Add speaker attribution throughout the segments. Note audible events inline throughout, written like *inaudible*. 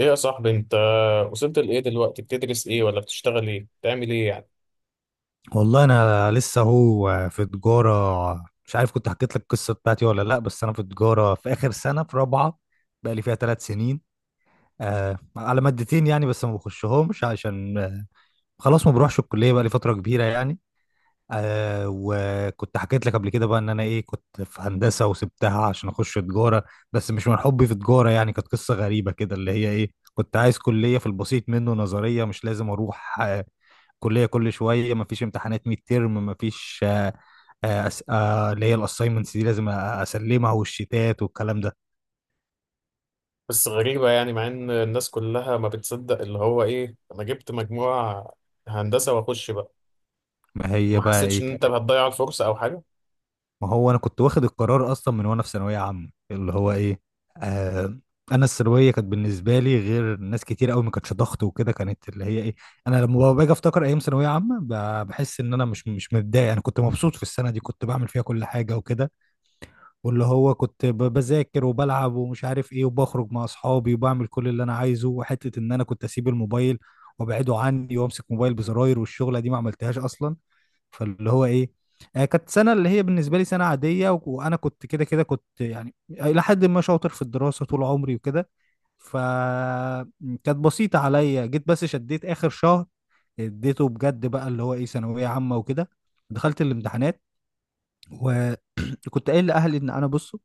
Speaker 1: ايه يا صاحبي، انت وصلت لايه دلوقتي؟ بتدرس ايه ولا بتشتغل ايه؟ بتعمل ايه يعني؟
Speaker 2: والله انا لسه في تجاره. مش عارف كنت حكيت لك القصه بتاعتي ولا لا، بس انا في تجاره في اخر سنه في رابعه، بقى لي فيها 3 سنين. آه، على مادتين يعني، بس ما بخشهمش عشان خلاص ما بروحش الكليه، بقى لي فتره كبيره يعني. آه، وكنت حكيت لك قبل كده بقى ان انا ايه، كنت في هندسه وسبتها عشان اخش تجاره، بس مش من حبي في تجاره يعني. كانت قصه غريبه كده، اللي هي ايه، كنت عايز كليه في البسيط منه، نظريه مش لازم اروح كلية كل شوية، مفيش امتحانات ميد ترم، مفيش اللي هي الاساينمنتس دي لازم اسلمها، والشتات والكلام ده.
Speaker 1: بس غريبة، يعني مع ان الناس كلها ما بتصدق اللي هو ايه، انا جبت مجموعة هندسة واخش بقى.
Speaker 2: ما هي
Speaker 1: ما
Speaker 2: بقى
Speaker 1: حسيتش
Speaker 2: ايه
Speaker 1: ان انت
Speaker 2: كانت.
Speaker 1: هتضيع الفرصة او حاجة؟
Speaker 2: ما هو انا كنت واخد القرار اصلا من وانا في ثانوية عامة، اللي هو ايه، آه، انا الثانويه كانت بالنسبه لي غير ناس كتير قوي، ما كانتش ضغط وكده، كانت اللي هي ايه، انا لما باجي افتكر ايام ثانويه عامه، بحس ان انا مش متضايق. انا كنت مبسوط في السنه دي، كنت بعمل فيها كل حاجه وكده، واللي هو كنت بذاكر وبلعب ومش عارف ايه، وبخرج مع اصحابي وبعمل كل اللي انا عايزه. وحته ان انا كنت اسيب الموبايل وابعده عني وامسك موبايل بزراير، والشغله دي ما عملتهاش اصلا. فاللي هو ايه، آه، كانت سنه اللي هي بالنسبه لي سنه عاديه وانا كنت كده كده، كنت يعني الى حد ما شاطر في الدراسه طول عمري وكده، فكانت بسيطه عليا. جيت بس شديت اخر شهر، اديته بجد بقى، اللي هو ايه ثانويه عامه وكده. دخلت الامتحانات، كنت قايل لاهلي ان انا بصوا،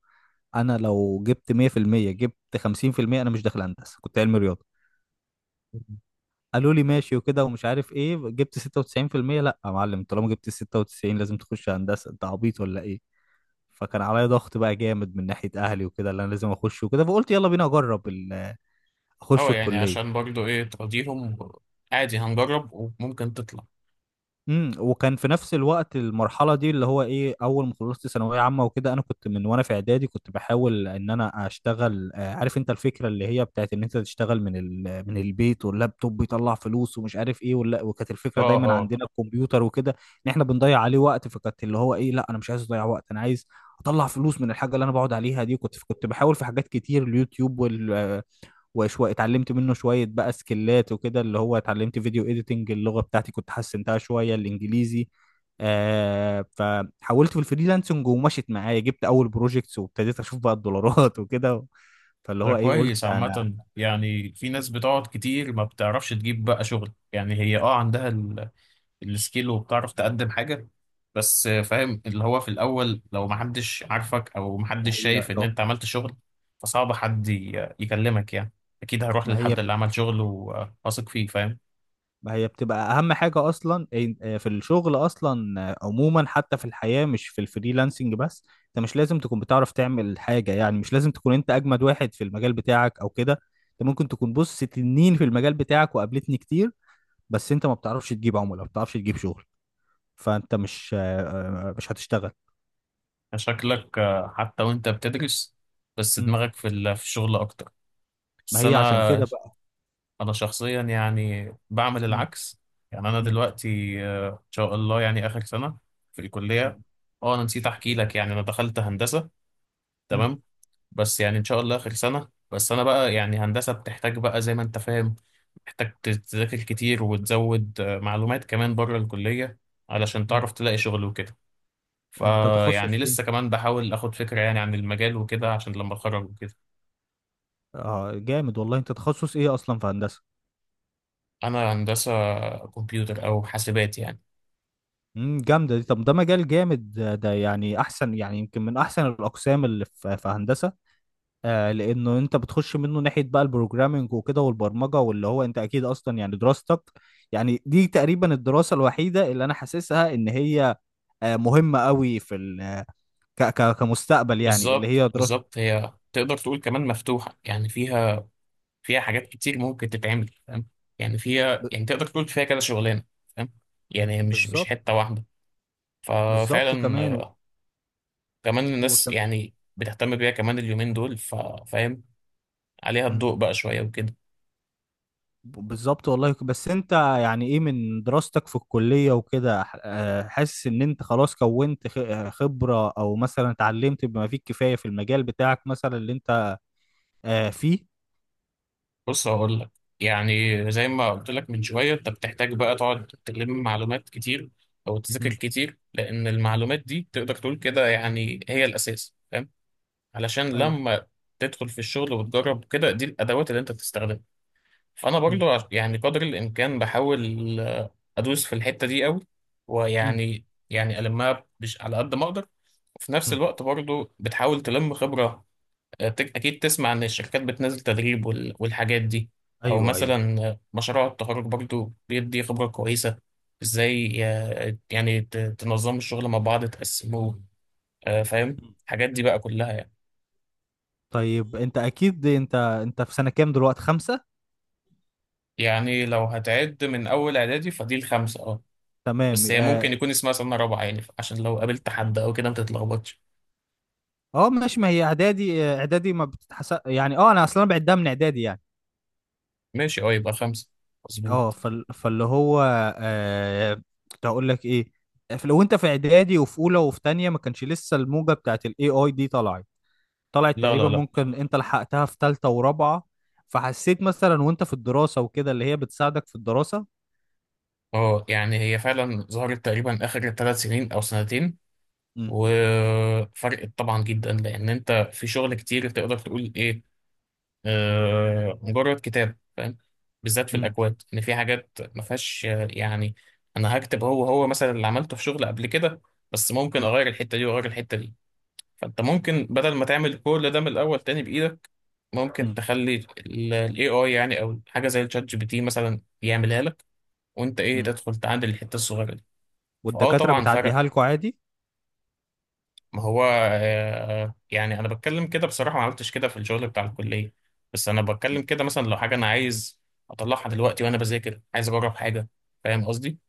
Speaker 2: انا لو جبت 100% جبت 50%، انا مش داخل هندسه، كنت علمي رياضه. قالوا لي ماشي وكده ومش عارف ايه. جبت 96%، لا يا معلم طالما جبت 96 لازم تخش هندسه، انت عبيط ولا ايه؟ فكان عليا ضغط بقى جامد من ناحيه اهلي وكده، اللي انا لازم اخش وكده. فقلت يلا بينا اجرب اخش
Speaker 1: اه يعني، عشان
Speaker 2: الكليه.
Speaker 1: برضو ايه، تراضيهم. عادي هنجرب وممكن تطلع.
Speaker 2: وكان في نفس الوقت المرحله دي اللي هو ايه، اول ما خلصت ثانويه عامه وكده، انا كنت من وانا في اعدادي كنت بحاول ان انا اشتغل. آه، عارف انت الفكره اللي هي بتاعت ان انت تشتغل من البيت واللابتوب بيطلع فلوس ومش عارف ايه ولا. وكانت الفكره
Speaker 1: اه
Speaker 2: دايما
Speaker 1: اه،
Speaker 2: عندنا الكمبيوتر وكده ان احنا بنضيع عليه وقت. فكانت اللي هو ايه، لا انا مش عايز اضيع وقت، انا عايز اطلع فلوس من الحاجه اللي انا بقعد عليها دي. كنت بحاول في حاجات كتير، اليوتيوب وشوية اتعلمت منه شوية بقى سكيلات وكده، اللي هو اتعلمت فيديو اديتنج. اللغة بتاعتي كنت حسنتها شوية، الانجليزي. آه، فحولت في الفريلانسنج ومشيت معايا، جبت اول بروجكتس وابتديت اشوف بقى الدولارات *laughs* وكده. فاللي
Speaker 1: ده
Speaker 2: هو ايه،
Speaker 1: كويس
Speaker 2: قلت انا
Speaker 1: عامة. يعني في ناس بتقعد كتير ما بتعرفش تجيب بقى شغل، يعني هي اه عندها السكيل وبتعرف تقدم حاجة، بس فاهم اللي هو في الأول، لو محدش عارفك أو
Speaker 2: ما
Speaker 1: محدش
Speaker 2: هي
Speaker 1: شايف إن أنت عملت شغل فصعب حد يكلمك يعني. أكيد هروح
Speaker 2: ما هي
Speaker 1: للحد اللي عمل شغل وواثق فيه، فاهم؟
Speaker 2: ما هي بتبقى اهم حاجه اصلا، في الشغل اصلا، آه، عموما حتى في الحياه، مش في الفريلانسنج بس. انت مش لازم تكون بتعرف تعمل حاجه يعني، مش لازم تكون انت اجمد واحد في المجال بتاعك او كده. انت ممكن تكون بص تنين في المجال بتاعك، وقابلتني كتير، بس انت ما بتعرفش تجيب عملاء، ما بتعرفش تجيب شغل، فانت مش آه، مش هتشتغل.
Speaker 1: شكلك حتى وأنت بتدرس بس
Speaker 2: مم.
Speaker 1: دماغك في في الشغل أكتر.
Speaker 2: ما
Speaker 1: بس
Speaker 2: هي عشان
Speaker 1: أنا
Speaker 2: كده بقى.
Speaker 1: أنا شخصيا يعني بعمل
Speaker 2: مم.
Speaker 1: العكس. يعني أنا
Speaker 2: مم.
Speaker 1: دلوقتي إن شاء الله يعني آخر سنة في
Speaker 2: مم.
Speaker 1: الكلية.
Speaker 2: ان
Speaker 1: أه، أنا نسيت
Speaker 2: شاء
Speaker 1: أحكي
Speaker 2: الله.
Speaker 1: لك، يعني أنا دخلت هندسة،
Speaker 2: مم.
Speaker 1: تمام. بس يعني ان شاء الله اخر سنه. بس انا بقى يعني هندسه بتحتاج بقى زي ما انت فاهم، محتاج تذاكر كتير وتزود معلومات كمان بره الكليه علشان
Speaker 2: مم.
Speaker 1: تعرف تلاقي شغل وكده.
Speaker 2: انت
Speaker 1: فيعني
Speaker 2: تخصص
Speaker 1: لسه
Speaker 2: ايه؟
Speaker 1: كمان بحاول اخد فكره يعني عن المجال وكده عشان لما اتخرج وكده.
Speaker 2: اه، جامد والله. انت تخصص ايه اصلا في هندسه؟
Speaker 1: انا هندسه كمبيوتر او حاسبات يعني.
Speaker 2: امم، جامده دي. طب ده مجال جامد ده، ده يعني احسن، يعني يمكن من احسن الاقسام اللي في في هندسه. آه، لانه انت بتخش منه ناحيه بقى البروجرامينج وكده والبرمجه، واللي هو انت اكيد اصلا يعني دراستك، يعني دي تقريبا الدراسه الوحيده اللي انا حاسسها ان هي آه، مهمه قوي في ال ك ك كمستقبل يعني، اللي
Speaker 1: بالظبط
Speaker 2: هي دراسه.
Speaker 1: بالظبط، هي تقدر تقول كمان مفتوحه يعني، فيها حاجات كتير ممكن تتعمل، فاهم؟ يعني فيها،
Speaker 2: ب-
Speaker 1: يعني تقدر تقول فيها كذا شغلانه، فاهم؟ يعني هي مش
Speaker 2: بالظبط،
Speaker 1: حته واحده.
Speaker 2: بالظبط. كمان
Speaker 1: ففعلا كمان الناس
Speaker 2: وكم...
Speaker 1: يعني بتهتم بيها كمان اليومين دول، فاهم، عليها الضوء بقى شوية وكده.
Speaker 2: بالظبط والله. بس انت يعني ايه من دراستك في الكلية وكده، حاسس ان انت خلاص كونت خبرة، او مثلا اتعلمت بما فيه الكفاية في المجال بتاعك مثلا، اللي انت آه، فيه؟
Speaker 1: بص هقول لك. يعني زي ما قلت لك من شوية، انت بتحتاج بقى تقعد تلم معلومات كتير او تذاكر
Speaker 2: مم.
Speaker 1: كتير، لان المعلومات دي تقدر تقول كده، يعني هي الاساس، فاهم؟ علشان
Speaker 2: ايوه.
Speaker 1: لما تدخل في الشغل وتجرب كده، دي الادوات اللي انت بتستخدمها. فانا
Speaker 2: مم.
Speaker 1: برضو يعني قدر الامكان بحاول ادوس في الحته دي قوي،
Speaker 2: مم.
Speaker 1: ويعني يعني المها مش على قد ما اقدر. وفي نفس
Speaker 2: مم.
Speaker 1: الوقت برضو بتحاول تلم خبره. اكيد تسمع ان الشركات بتنزل تدريب والحاجات دي، او
Speaker 2: ايوه ايوه.
Speaker 1: مثلا مشروع التخرج برضو بيدي خبره كويسه، ازاي يعني تنظموا الشغل مع بعض تقسموه، فاهم الحاجات دي بقى كلها يعني.
Speaker 2: طيب انت اكيد انت انت في سنة كام دلوقتي، خمسة؟
Speaker 1: يعني لو هتعد من اول اعدادي فدي الخمسه، اه.
Speaker 2: تمام،
Speaker 1: بس هي
Speaker 2: اه.
Speaker 1: ممكن يكون اسمها سنة رابعة يعني، عشان لو قابلت حد أو كده ما تتلخبطش.
Speaker 2: آه، ماشي. ما هي اعدادي، آه، اعدادي ما بتتحسب يعني، اه انا اصلا بعدها من اعدادي يعني.
Speaker 1: ماشي، أه، يبقى خمسة
Speaker 2: اه،
Speaker 1: مظبوط.
Speaker 2: فاللي هو آه، كنت هقول لك ايه، آه، لو انت في اعدادي وفي اولى وفي تانية، ما كانش لسه الموجه بتاعت الاي اي دي طلعت. طلعت
Speaker 1: لا
Speaker 2: تقريبا،
Speaker 1: لا لا.
Speaker 2: ممكن انت لحقتها في تالتة ورابعة، فحسيت مثلا وانت في الدراسة وكده اللي هي بتساعدك في الدراسة؟
Speaker 1: أه، يعني هي فعلا ظهرت تقريبا آخر 3 سنين أو سنتين
Speaker 2: امم.
Speaker 1: وفرقت طبعا جدا، لأن أنت في شغل كتير تقدر تقول إيه، آه مجرد كتاب، فاهم؟ بالذات في
Speaker 2: امم.
Speaker 1: الأكواد، إن في حاجات ما فيهاش يعني أنا هكتب هو مثلا اللي عملته في شغل قبل كده، بس ممكن أغير الحتة دي وأغير الحتة دي. فانت ممكن بدل ما تعمل كل ده من الاول تاني بايدك، ممكن
Speaker 2: امم.
Speaker 1: تخلي الاي اي يعني، او حاجه زي الشات جي بي تي مثلا يعملها لك، وانت ايه،
Speaker 2: امم.
Speaker 1: تدخل تعدل الحته الصغيره دي. فاه
Speaker 2: والدكاترة
Speaker 1: طبعا فرق.
Speaker 2: بتعديها لكم عادي؟
Speaker 1: ما هو آه يعني انا بتكلم كده بصراحه، ما عملتش كده في الشغل بتاع الكليه، بس انا بتكلم كده مثلا لو حاجه انا عايز اطلعها دلوقتي وانا
Speaker 2: مم.
Speaker 1: بذاكر عايز اجرب حاجه. فاهم قصدي؟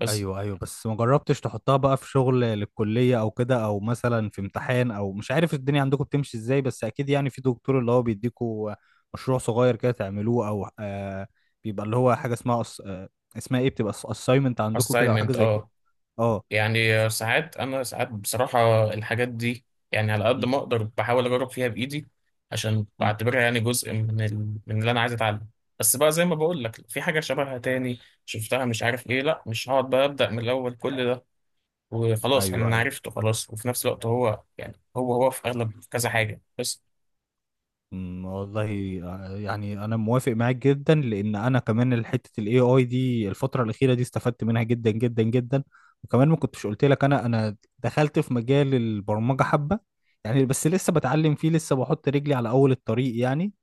Speaker 1: بس
Speaker 2: ايوه ايوه. بس ما جربتش تحطها بقى في شغل للكليه او كده، او مثلا في امتحان، او مش عارف الدنيا عندكم بتمشي ازاي، بس اكيد يعني في دكتور اللي هو بيديكوا مشروع صغير كده تعملوه، او آه، بيبقى اللي هو حاجه اسمها أص... آه اسمها ايه، بتبقى اساينمنت عندكم كده او حاجه
Speaker 1: assignment
Speaker 2: زي كده.
Speaker 1: اه.
Speaker 2: اه.
Speaker 1: يعني
Speaker 2: ف...
Speaker 1: ساعات، انا ساعات بصراحه الحاجات دي، يعني على قد
Speaker 2: م-
Speaker 1: ما اقدر بحاول اجرب فيها بايدي، عشان
Speaker 2: م.
Speaker 1: بعتبرها يعني جزء من اللي انا عايز اتعلم. بس بقى زي ما بقول لك، في حاجه شبهها تاني شفتها مش عارف ايه، لا مش هقعد بقى ابدا من الاول كل ده وخلاص، يعني
Speaker 2: ايوه
Speaker 1: انا
Speaker 2: ايوه.
Speaker 1: عرفته خلاص، وفي نفس الوقت هو يعني هو في اغلب كذا حاجه بس.
Speaker 2: أمم، والله آه، يعني انا موافق معاك جدا، لان انا كمان حته الاي اي دي الفتره الاخيره دي استفدت منها جدا جدا جدا. وكمان ما كنتش قلت لك، انا دخلت في مجال البرمجه حبه يعني، بس لسه بتعلم فيه، لسه بحط رجلي على اول الطريق يعني.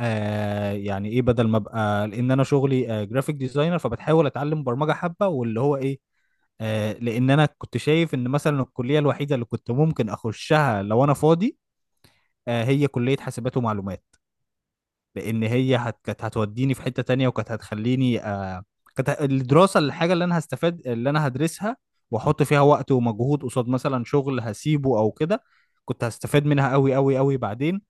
Speaker 2: آه، يعني ايه، بدل ما ابقى، لان انا شغلي آه جرافيك ديزاينر، فبتحاول اتعلم برمجه حبه، واللي هو ايه آه، لان انا كنت شايف ان مثلا الكليه الوحيده اللي كنت ممكن اخشها لو انا فاضي آه، هي كليه حاسبات ومعلومات. لان هي كانت هتوديني في حتة تانية، وكانت هتخليني الدراسة، الحاجة اللي انا هستفاد اللي انا هدرسها واحط فيها وقت ومجهود قصاد مثلا شغل هسيبه او كده، كنت هستفاد منها قوي قوي قوي بعدين.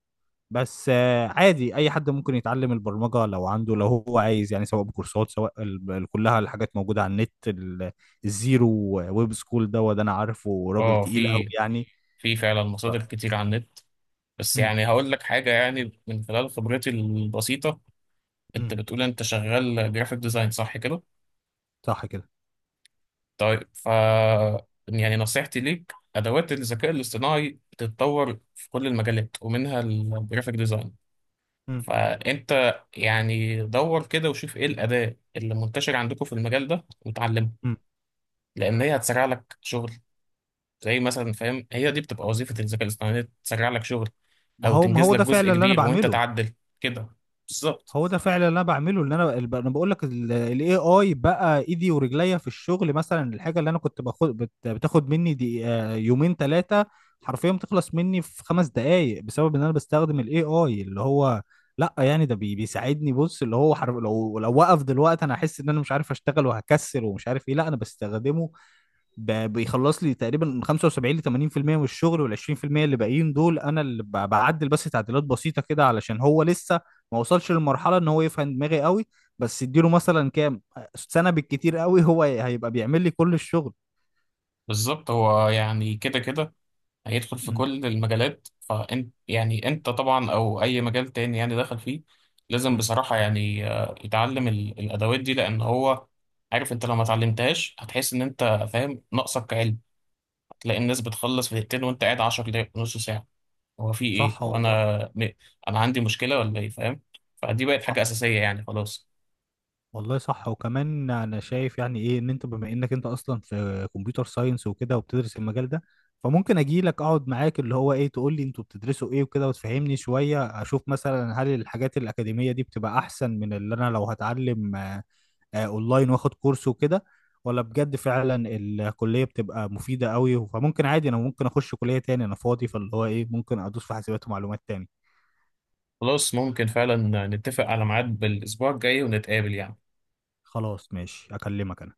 Speaker 2: بس آه، عادي اي حد ممكن يتعلم البرمجة لو عنده، لو هو عايز يعني، سواء بكورسات، سواء كلها الحاجات موجودة على النت، الزيرو ويب سكول ده وده انا عارفه راجل
Speaker 1: اه،
Speaker 2: تقيل قوي
Speaker 1: في
Speaker 2: يعني.
Speaker 1: في فعلا
Speaker 2: ف...
Speaker 1: مصادر كتير على النت. بس
Speaker 2: مم.
Speaker 1: يعني هقول لك حاجه يعني من خلال خبرتي البسيطه.
Speaker 2: مم.
Speaker 1: انت بتقول انت شغال جرافيك ديزاين، صح كده؟
Speaker 2: صح كده.
Speaker 1: طيب، يعني نصيحتي ليك، ادوات الذكاء الاصطناعي بتتطور في كل المجالات ومنها الجرافيك ديزاين،
Speaker 2: مم.
Speaker 1: فانت يعني دور كده وشوف ايه الاداه اللي منتشره عندكم في المجال ده وتعلمها،
Speaker 2: مم.
Speaker 1: لان هي هتسرع لك شغل. زي مثلا، فاهم، هي دي بتبقى وظيفه الذكاء الاصطناعي، إن هي تسرع لك شغل
Speaker 2: ما
Speaker 1: او
Speaker 2: هو ما
Speaker 1: تنجز
Speaker 2: هو
Speaker 1: لك
Speaker 2: ده
Speaker 1: جزء
Speaker 2: فعلا اللي انا
Speaker 1: كبير وانت
Speaker 2: بعمله.
Speaker 1: تعدل كده. بالظبط.
Speaker 2: هو ده فعلا اللي انا بعمله. اللي انا انا بقول لك، الاي اي بقى ايدي ورجليا في الشغل. مثلا الحاجه اللي انا كنت باخد بتاخد مني دي آه، 2 3، حرفيا بتخلص مني في 5 دقائق، بسبب ان انا بستخدم الاي اي. اللي هو لا يعني ده بيساعدني، بص اللي هو حرف، لو وقف دلوقتي انا احس ان انا مش عارف اشتغل وهكسل ومش عارف ايه. لا انا بستخدمه، بيخلص لي تقريبا من 75 ل 80% من الشغل، وال 20% اللي باقيين دول انا اللي بعدل بس تعديلات بسيطه كده، علشان هو لسه ما وصلش للمرحله ان هو يفهم دماغي قوي. بس اديله مثلا كام سنه بالكتير قوي، هو هيبقى بيعمل لي كل الشغل.
Speaker 1: بالظبط هو يعني كده كده هيدخل في
Speaker 2: م-
Speaker 1: كل المجالات، فانت يعني انت طبعا، او اي مجال تاني يعني دخل فيه، لازم
Speaker 2: م.
Speaker 1: بصراحة يعني يتعلم الادوات دي، لان هو، عارف انت لو ما اتعلمتهاش هتحس ان انت، فاهم، ناقصك كعلم. هتلاقي الناس بتخلص في دقيقتين وانت قاعد 10 دقايق نص ساعة، هو في ايه،
Speaker 2: صح والله.
Speaker 1: وانا، انا عندي مشكلة ولا ايه، فاهم؟ فدي بقت حاجة
Speaker 2: صح
Speaker 1: اساسية يعني، خلاص.
Speaker 2: والله صح. وكمان انا شايف يعني ايه، ان انت بما انك انت اصلا في كمبيوتر ساينس وكده وبتدرس المجال ده، فممكن اجي لك اقعد معاك اللي هو ايه تقول لي انتوا بتدرسوا ايه وكده وتفهمني شوية، اشوف مثلا هل الحاجات الاكاديمية دي بتبقى احسن من اللي انا لو هتعلم اونلاين واخد كورس وكده، ولا بجد فعلا الكلية بتبقى مفيدة قوي. فممكن عادي، انا ممكن اخش كلية تاني انا فاضي، فاللي هو ايه ممكن ادوس في حاسبات ومعلومات تاني.
Speaker 1: خلاص ممكن فعلا نتفق على ميعاد بالاسبوع الجاي ونتقابل يعني.
Speaker 2: خلاص ماشي اكلمك انا.